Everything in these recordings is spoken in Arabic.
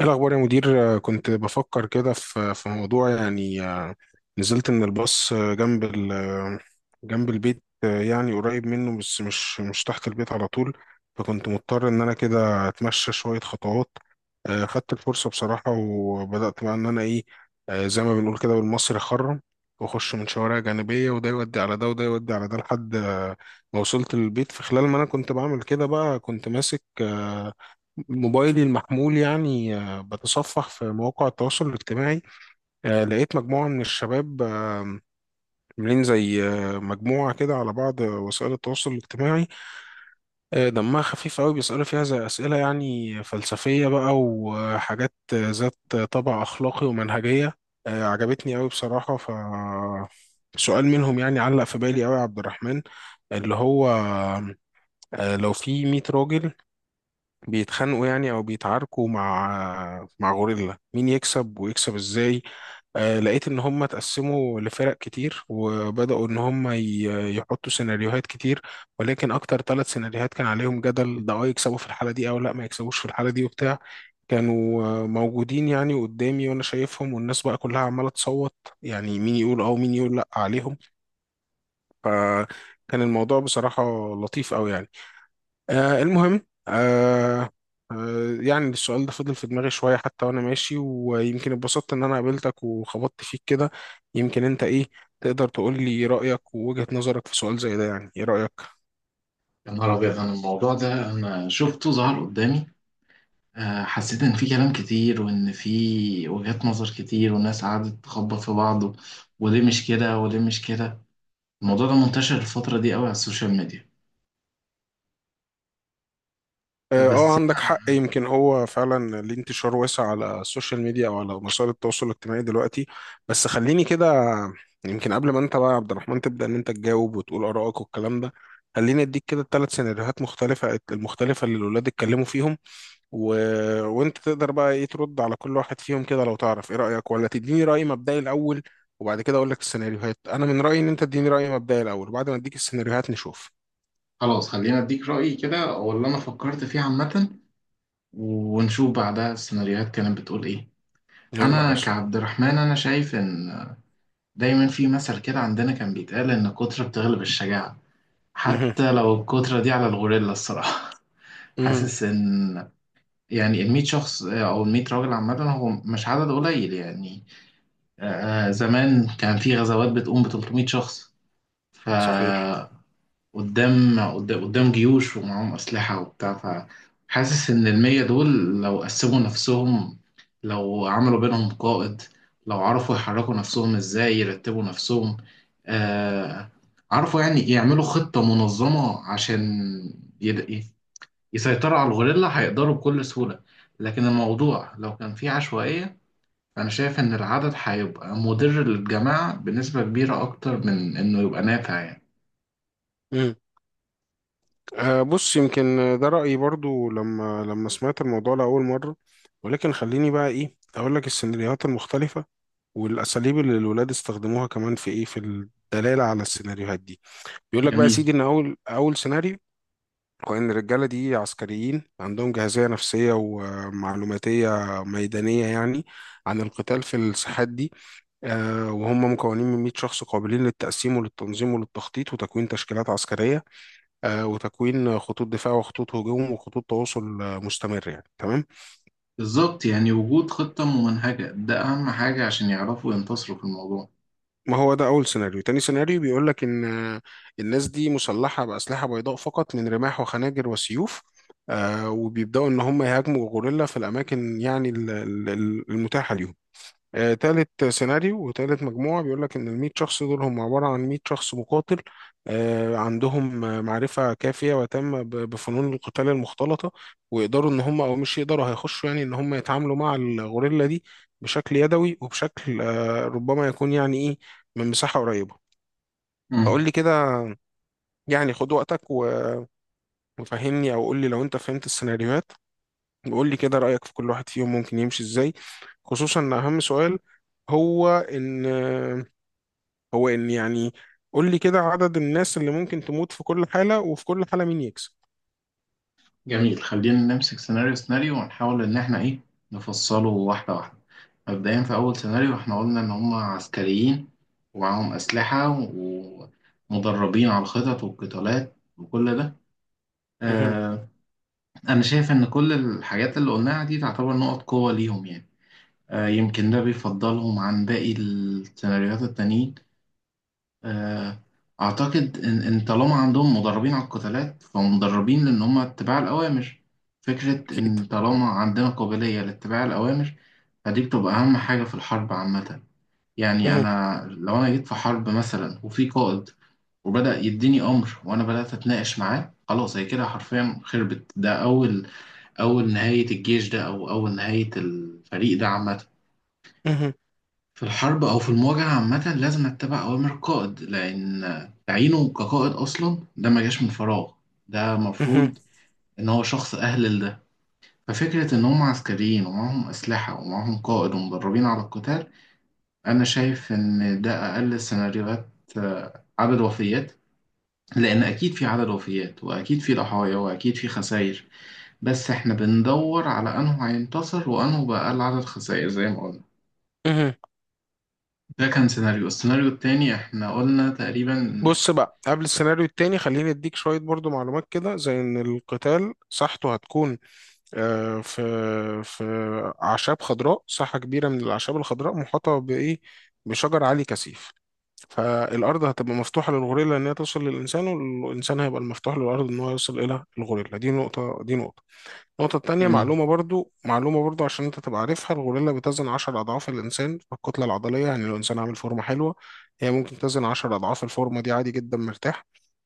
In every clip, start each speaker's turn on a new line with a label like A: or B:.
A: إيه الأخبار يا مدير؟ كنت بفكر كده في موضوع يعني. نزلت من الباص، جنب ال آه، جنب البيت، آه، يعني قريب منه، بس مش تحت البيت على طول. فكنت مضطر إن أنا كده أتمشى شوية خطوات. خدت الفرصة بصراحة، وبدأت بقى إن أنا، إيه آه، زي ما بنقول كده بالمصري، أخرم وأخش من شوارع جانبية، وده يودي على ده وده يودي على ده، لحد ما وصلت للبيت. في خلال ما أنا كنت بعمل كده بقى، كنت ماسك موبايلي المحمول، يعني بتصفح في مواقع التواصل الاجتماعي. لقيت مجموعة من الشباب، عاملين زي مجموعة كده على بعض وسائل التواصل الاجتماعي، دمها خفيف قوي، بيسألوا فيها زي أسئلة يعني فلسفية بقى، وحاجات ذات طابع أخلاقي ومنهجية. عجبتني قوي بصراحة. سؤال منهم يعني علق في بالي قوي يا عبد الرحمن، اللي هو لو في 100 راجل بيتخانقوا يعني، او بيتعاركوا مع غوريلا، مين يكسب ويكسب ازاي؟ لقيت ان هم اتقسموا لفرق كتير، وبداوا ان هم يحطوا سيناريوهات كتير. ولكن اكتر ثلاث سيناريوهات كان عليهم جدل، ده يكسبوا في الحالة دي او لا ما يكسبوش في الحالة دي وبتاع. كانوا موجودين يعني قدامي، وانا شايفهم، والناس بقى كلها عمالة تصوت، يعني مين يقول اه ومين يقول لا عليهم. فكان الموضوع بصراحة لطيف قوي يعني. المهم، يعني السؤال ده فضل في دماغي شوية، حتى وأنا ماشي، ويمكن اتبسطت إن أنا قابلتك وخبطت فيك كده. يمكن أنت تقدر تقول لي رأيك ووجهة نظرك في سؤال زي ده؟ يعني إيه رأيك؟
B: يا نهار أبيض، أنا الموضوع ده أنا شفته ظهر قدامي. آه، حسيت إن في كلام كتير وإن في وجهات نظر كتير والناس قعدت تخبط في بعض وليه مش كده وليه مش كده. الموضوع ده منتشر الفترة دي قوي على السوشيال ميديا. آه، بس
A: عندك
B: أنا
A: حق. يمكن هو فعلا ليه انتشار واسع على السوشيال ميديا، أو على وسائل التواصل الاجتماعي دلوقتي. بس خليني كده، يمكن قبل ما أنت بقى يا عبد الرحمن تبدأ إن أنت تجاوب وتقول آرائك والكلام ده، خليني أديك كده ثلاث سيناريوهات مختلفة اللي الولاد اتكلموا فيهم، و... وانت تقدر بقى ترد على كل واحد فيهم كده، لو تعرف ايه رأيك، ولا تديني رأي مبدئي الاول وبعد كده اقول لك السيناريوهات. انا من رأيي ان انت تديني رأي مبدئي الاول، وبعد ما اديك السيناريوهات نشوف.
B: خلاص، خلينا أديك رأيي كده أو اللي أنا فكرت فيه عامة، ونشوف بعدها السيناريوهات كانت بتقول إيه.
A: يلا يا
B: أنا
A: باشا.
B: كعبد الرحمن أنا شايف إن دايما في مثل كده عندنا كان بيتقال إن الكترة بتغلب الشجاعة،
A: مه.
B: حتى لو الكترة دي على الغوريلا الصراحة.
A: مه.
B: حاسس ان يعني ال 100 شخص، آه، او ال 100 راجل عامه هو مش عدد قليل يعني. آه، آه، زمان كان في غزوات بتقوم ب 300 شخص،
A: صحيح.
B: فقدام قدام جيوش ومعاهم اسلحه وبتاع. فحاسس ان ال 100 دول لو قسموا نفسهم، لو عملوا بينهم قائد، لو عرفوا يحركوا نفسهم ازاي، يرتبوا نفسهم، آه، عرفوا يعني يعملوا خطه منظمه عشان يد- يسيطروا على الغوريلا هيقدروا بكل سهولة. لكن الموضوع لو كان فيه عشوائية، أنا شايف إن العدد هيبقى مضر للجماعة بنسبة كبيرة أكتر من إنه يبقى نافع يعني.
A: مه. بص، يمكن ده رأيي برضو لما سمعت الموضوع لأول مرة. ولكن خليني بقى اقول لك السيناريوهات المختلفة، والاساليب اللي الولاد استخدموها كمان، في الدلالة على السيناريوهات دي. بيقول لك بقى يا
B: جميل،
A: سيدي ان اول سيناريو، وإن الرجالة دي عسكريين، عندهم جاهزية نفسية ومعلوماتية ميدانية يعني، عن القتال في الساحات دي. وهم مكونين من 100 شخص، قابلين للتقسيم وللتنظيم وللتخطيط وتكوين تشكيلات عسكرية، وتكوين خطوط دفاع وخطوط هجوم وخطوط تواصل مستمر، يعني تمام.
B: بالظبط، يعني وجود خطة ممنهجة ده أهم حاجة عشان يعرفوا ينتصروا في الموضوع.
A: ما هو ده أول سيناريو. تاني سيناريو بيقول لك إن الناس دي مسلحة بأسلحة بيضاء فقط، من رماح وخناجر وسيوف. وبيبدأوا إن هم يهاجموا غوريلا في الأماكن، يعني المتاحة ليهم. تالت سيناريو وتالت مجموعة بيقول لك إن الميت شخص دول هم عبارة عن ميت شخص مقاتل، عندهم معرفة كافية وتامة بفنون القتال المختلطة. ويقدروا إن هم، أو مش يقدروا، هيخشوا يعني إن هم يتعاملوا مع الغوريلا دي بشكل يدوي، وبشكل ربما يكون يعني من مساحة قريبة.
B: مم.
A: فقول لي كده، يعني خد وقتك وفهمني، أو قول لي لو أنت فهمت السيناريوهات، وقول لي كده رأيك في كل واحد فيهم ممكن يمشي إزاي. خصوصا إن أهم سؤال هو إن هو ان يعني قول لي كده عدد الناس اللي ممكن تموت في كل حالة، وفي كل حالة مين يكسب.
B: جميل، خلينا نمسك سيناريو سيناريو ونحاول إن إحنا إيه، نفصله واحدة واحدة. مبدئيا في أول سيناريو إحنا قلنا إن هم عسكريين ومعاهم أسلحة ومدربين على الخطط والقتالات وكل ده.
A: مهم.
B: آه، أنا شايف إن كل الحاجات اللي قلناها دي تعتبر نقط قوة ليهم يعني. آه، يمكن ده بيفضلهم عن باقي السيناريوهات التانيين. آه، أعتقد إن طالما عندهم مدربين على القتالات فمدربين لأن هم اتباع الأوامر. فكرة
A: اكيد.
B: إن طالما عندنا قابلية لاتباع الأوامر فدي بتبقى أهم حاجة في الحرب عامة. يعني
A: مهم.
B: أنا لو جيت في حرب مثلا وفي قائد وبدأ يديني أمر وأنا بدأت أتناقش معاه، خلاص هي كده حرفيا خربت. ده أول نهاية الجيش ده أو أول نهاية الفريق ده عامة.
A: مهم.
B: في الحرب أو في المواجهة عامة لازم أتبع أوامر القائد، لأن تعيينه كقائد أصلا ده ما جاش من فراغ، ده
A: مهم.
B: مفروض إن هو شخص أهل لده. ففكرة إن هم عسكريين ومعهم أسلحة ومعهم قائد ومدربين على القتال، أنا شايف إن ده أقل السيناريوهات، آه، عدد وفيات، لأن أكيد في عدد وفيات وأكيد في ضحايا وأكيد في خسائر، بس احنا بندور على انه هينتصر وانه بقى أقل عدد خسائر زي ما قلنا.
A: مهم.
B: ده كان سيناريو، السيناريو التاني احنا قلنا تقريبا.
A: بص بقى، قبل السيناريو التاني خليني اديك شوية برضو معلومات كده، زي ان القتال مساحته هتكون في في اعشاب خضراء، ساحة كبيرة من الاعشاب الخضراء، محاطة بايه، بشجر عالي كثيف. فالارض هتبقى مفتوحة للغوريلا ان هي توصل للانسان، والانسان هيبقى المفتوح للارض ان هو يوصل الى الغوريلا دي نقطة. النقطة التانية،
B: جميل
A: معلومة برضو، عشان أنت تبقى عارفها: الغوريلا بتزن عشر أضعاف الإنسان في الكتلة العضلية، يعني لو إنسان عامل فورمة حلوة، هي ممكن تزن عشر أضعاف الفورمة دي، عادي جدا، مرتاح.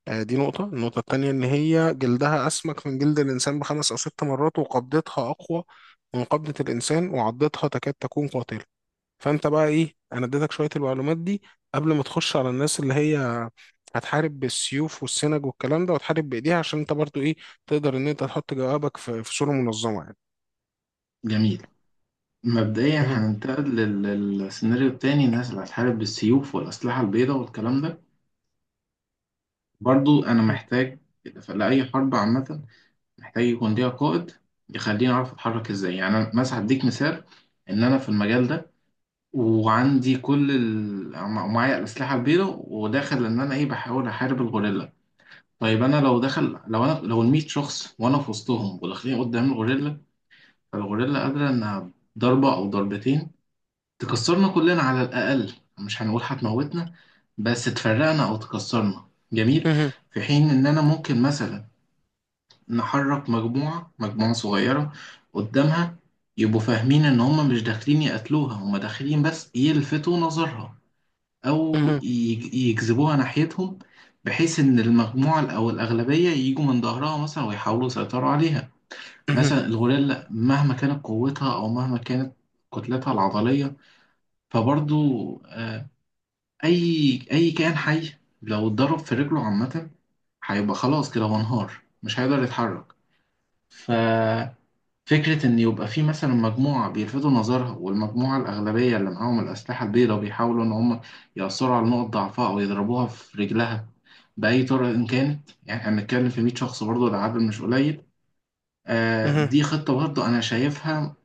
A: دي نقطة. النقطة التانية إن هي جلدها أسمك من جلد الإنسان بخمس أو ست مرات، وقبضتها أقوى من قبضة الإنسان، وعضتها تكاد تكون قاتلة. فانت بقى انا اديتك شويه المعلومات دي قبل ما تخش على الناس اللي هي هتحارب بالسيوف والسنج والكلام ده، وتحارب بايديها، عشان انت برضو تقدر ان انت تحط جوابك في صوره منظمه يعني.
B: جميل، مبدئيا
A: مهم.
B: هننتقل للسيناريو التاني، الناس اللي هتحارب بالسيوف والأسلحة البيضاء والكلام ده. برضو أنا محتاج لأي حرب عامة، محتاج يكون ليها قائد يخليني أعرف أتحرك إزاي. يعني أنا مثلا هديك مثال إن أنا في المجال ده وعندي كل ال ومعايا الأسلحة البيضاء وداخل إن أنا إيه بحاول أحارب الغوريلا. طيب انا لو انا لو ال 100 شخص وانا في وسطهم وداخلين قدام الغوريلا، فالغوريلا قادره انها ضربه او ضربتين تكسرنا كلنا على الاقل. مش هنقول هتموتنا، بس تفرقنا او تكسرنا. جميل،
A: مهم.
B: في حين ان انا ممكن مثلا نحرك مجموعه مجموعه صغيره قدامها، يبقوا فاهمين ان هم مش داخلين يقتلوها، هم داخلين بس يلفتوا نظرها او
A: مهم.
B: يجذبوها ناحيتهم، بحيث ان المجموعه او الاغلبيه يجوا من ظهرها مثلا ويحاولوا يسيطروا عليها.
A: مهم.
B: مثلا الغوريلا مهما كانت قوتها او مهما كانت كتلتها العضليه، فبرضو آه، اي اي كائن حي لو اتضرب في رجله عامه هيبقى خلاص كده هو انهار، مش هيقدر يتحرك. فكرة إن يبقى في مثلا مجموعة بيلفتوا نظرها والمجموعة الأغلبية اللي معاهم الأسلحة البيضاء بيحاولوا إن هم يأثروا على نقط ضعفها أو يضربوها في رجلها بأي طريقة إن كانت. يعني إحنا بنتكلم في 100 شخص برضه العدد مش قليل. آه،
A: مهم.
B: دي خطة برضه أنا شايفها،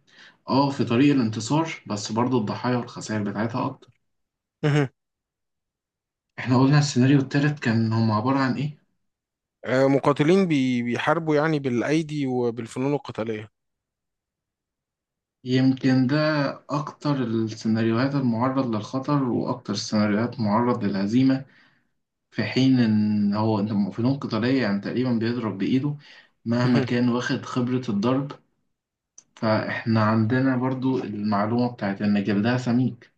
B: أه، في طريق الانتصار، بس برضه الضحايا والخسائر بتاعتها أكتر.
A: مهم.
B: إحنا قلنا السيناريو التالت كان هم عبارة عن إيه؟
A: مقاتلين بيحاربوا يعني بالايدي وبالفنون القتاليه.
B: يمكن ده أكتر السيناريوهات المعرض للخطر وأكتر السيناريوهات معرض للهزيمة. في حين ان هو انت فنون قتالية يعني تقريبا بيضرب بايده، مهما
A: مهم.
B: كان واخد خبرة الضرب. فاحنا عندنا برضو المعلومة بتاعت ان جلدها سميك،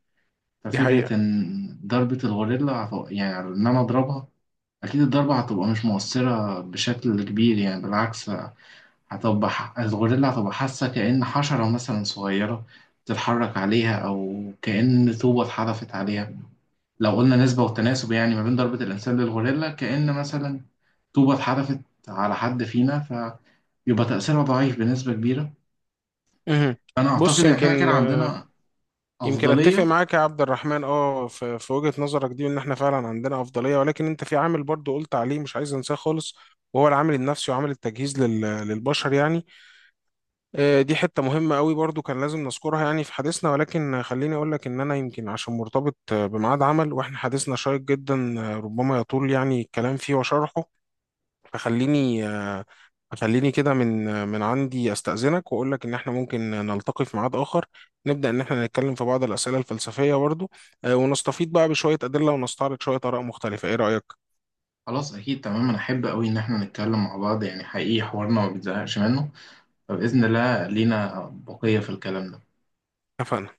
A: دي
B: ففكرة
A: حقيقه.
B: ان ضربة يعني ان انا اضربها، اكيد الضربة هتبقى مش مؤثرة بشكل كبير، يعني بالعكس، هتبقى الغوريلا هتبقى حاسة كأن حشرة مثلا صغيرة بتتحرك عليها او كأن طوبة اتحدفت عليها. لو قلنا نسبة والتناسب يعني ما بين ضربة الإنسان للغوريلا، كأن مثلا طوبة اتحدفت على حد فينا، فيبقى تأثيرها ضعيف بنسبة كبيرة.
A: مهم.
B: أنا أعتقد
A: بص
B: إن إحنا كان
A: يمكن
B: عندنا
A: يمكن اتفق
B: أفضلية.
A: معاك يا عبد الرحمن، في وجهة نظرك دي، ان احنا فعلا عندنا افضلية. ولكن انت في عامل برضو قلت عليه، مش عايز انساه خالص، وهو العامل النفسي وعامل التجهيز للبشر يعني. دي حتة مهمة قوي برضو، كان لازم نذكرها يعني في حديثنا. ولكن خليني اقول لك ان انا يمكن عشان مرتبط بميعاد عمل، واحنا حديثنا شيق جدا، ربما يطول يعني الكلام فيه وشرحه. فخليني آه، خليني كده من عندي استأذنك، واقول لك ان احنا ممكن نلتقي في ميعاد اخر، نبدأ ان احنا نتكلم في بعض الأسئلة الفلسفية برضو. ونستفيض بقى بشوية أدلة، ونستعرض شوية آراء مختلفة. ايه رأيك؟
B: خلاص أكيد، تمام، أنا أحب أوي إن إحنا نتكلم مع بعض، يعني حقيقي حوارنا ما بيتزهقش منه، فبإذن الله لينا بقية في الكلام ده.
A: اتفقنا.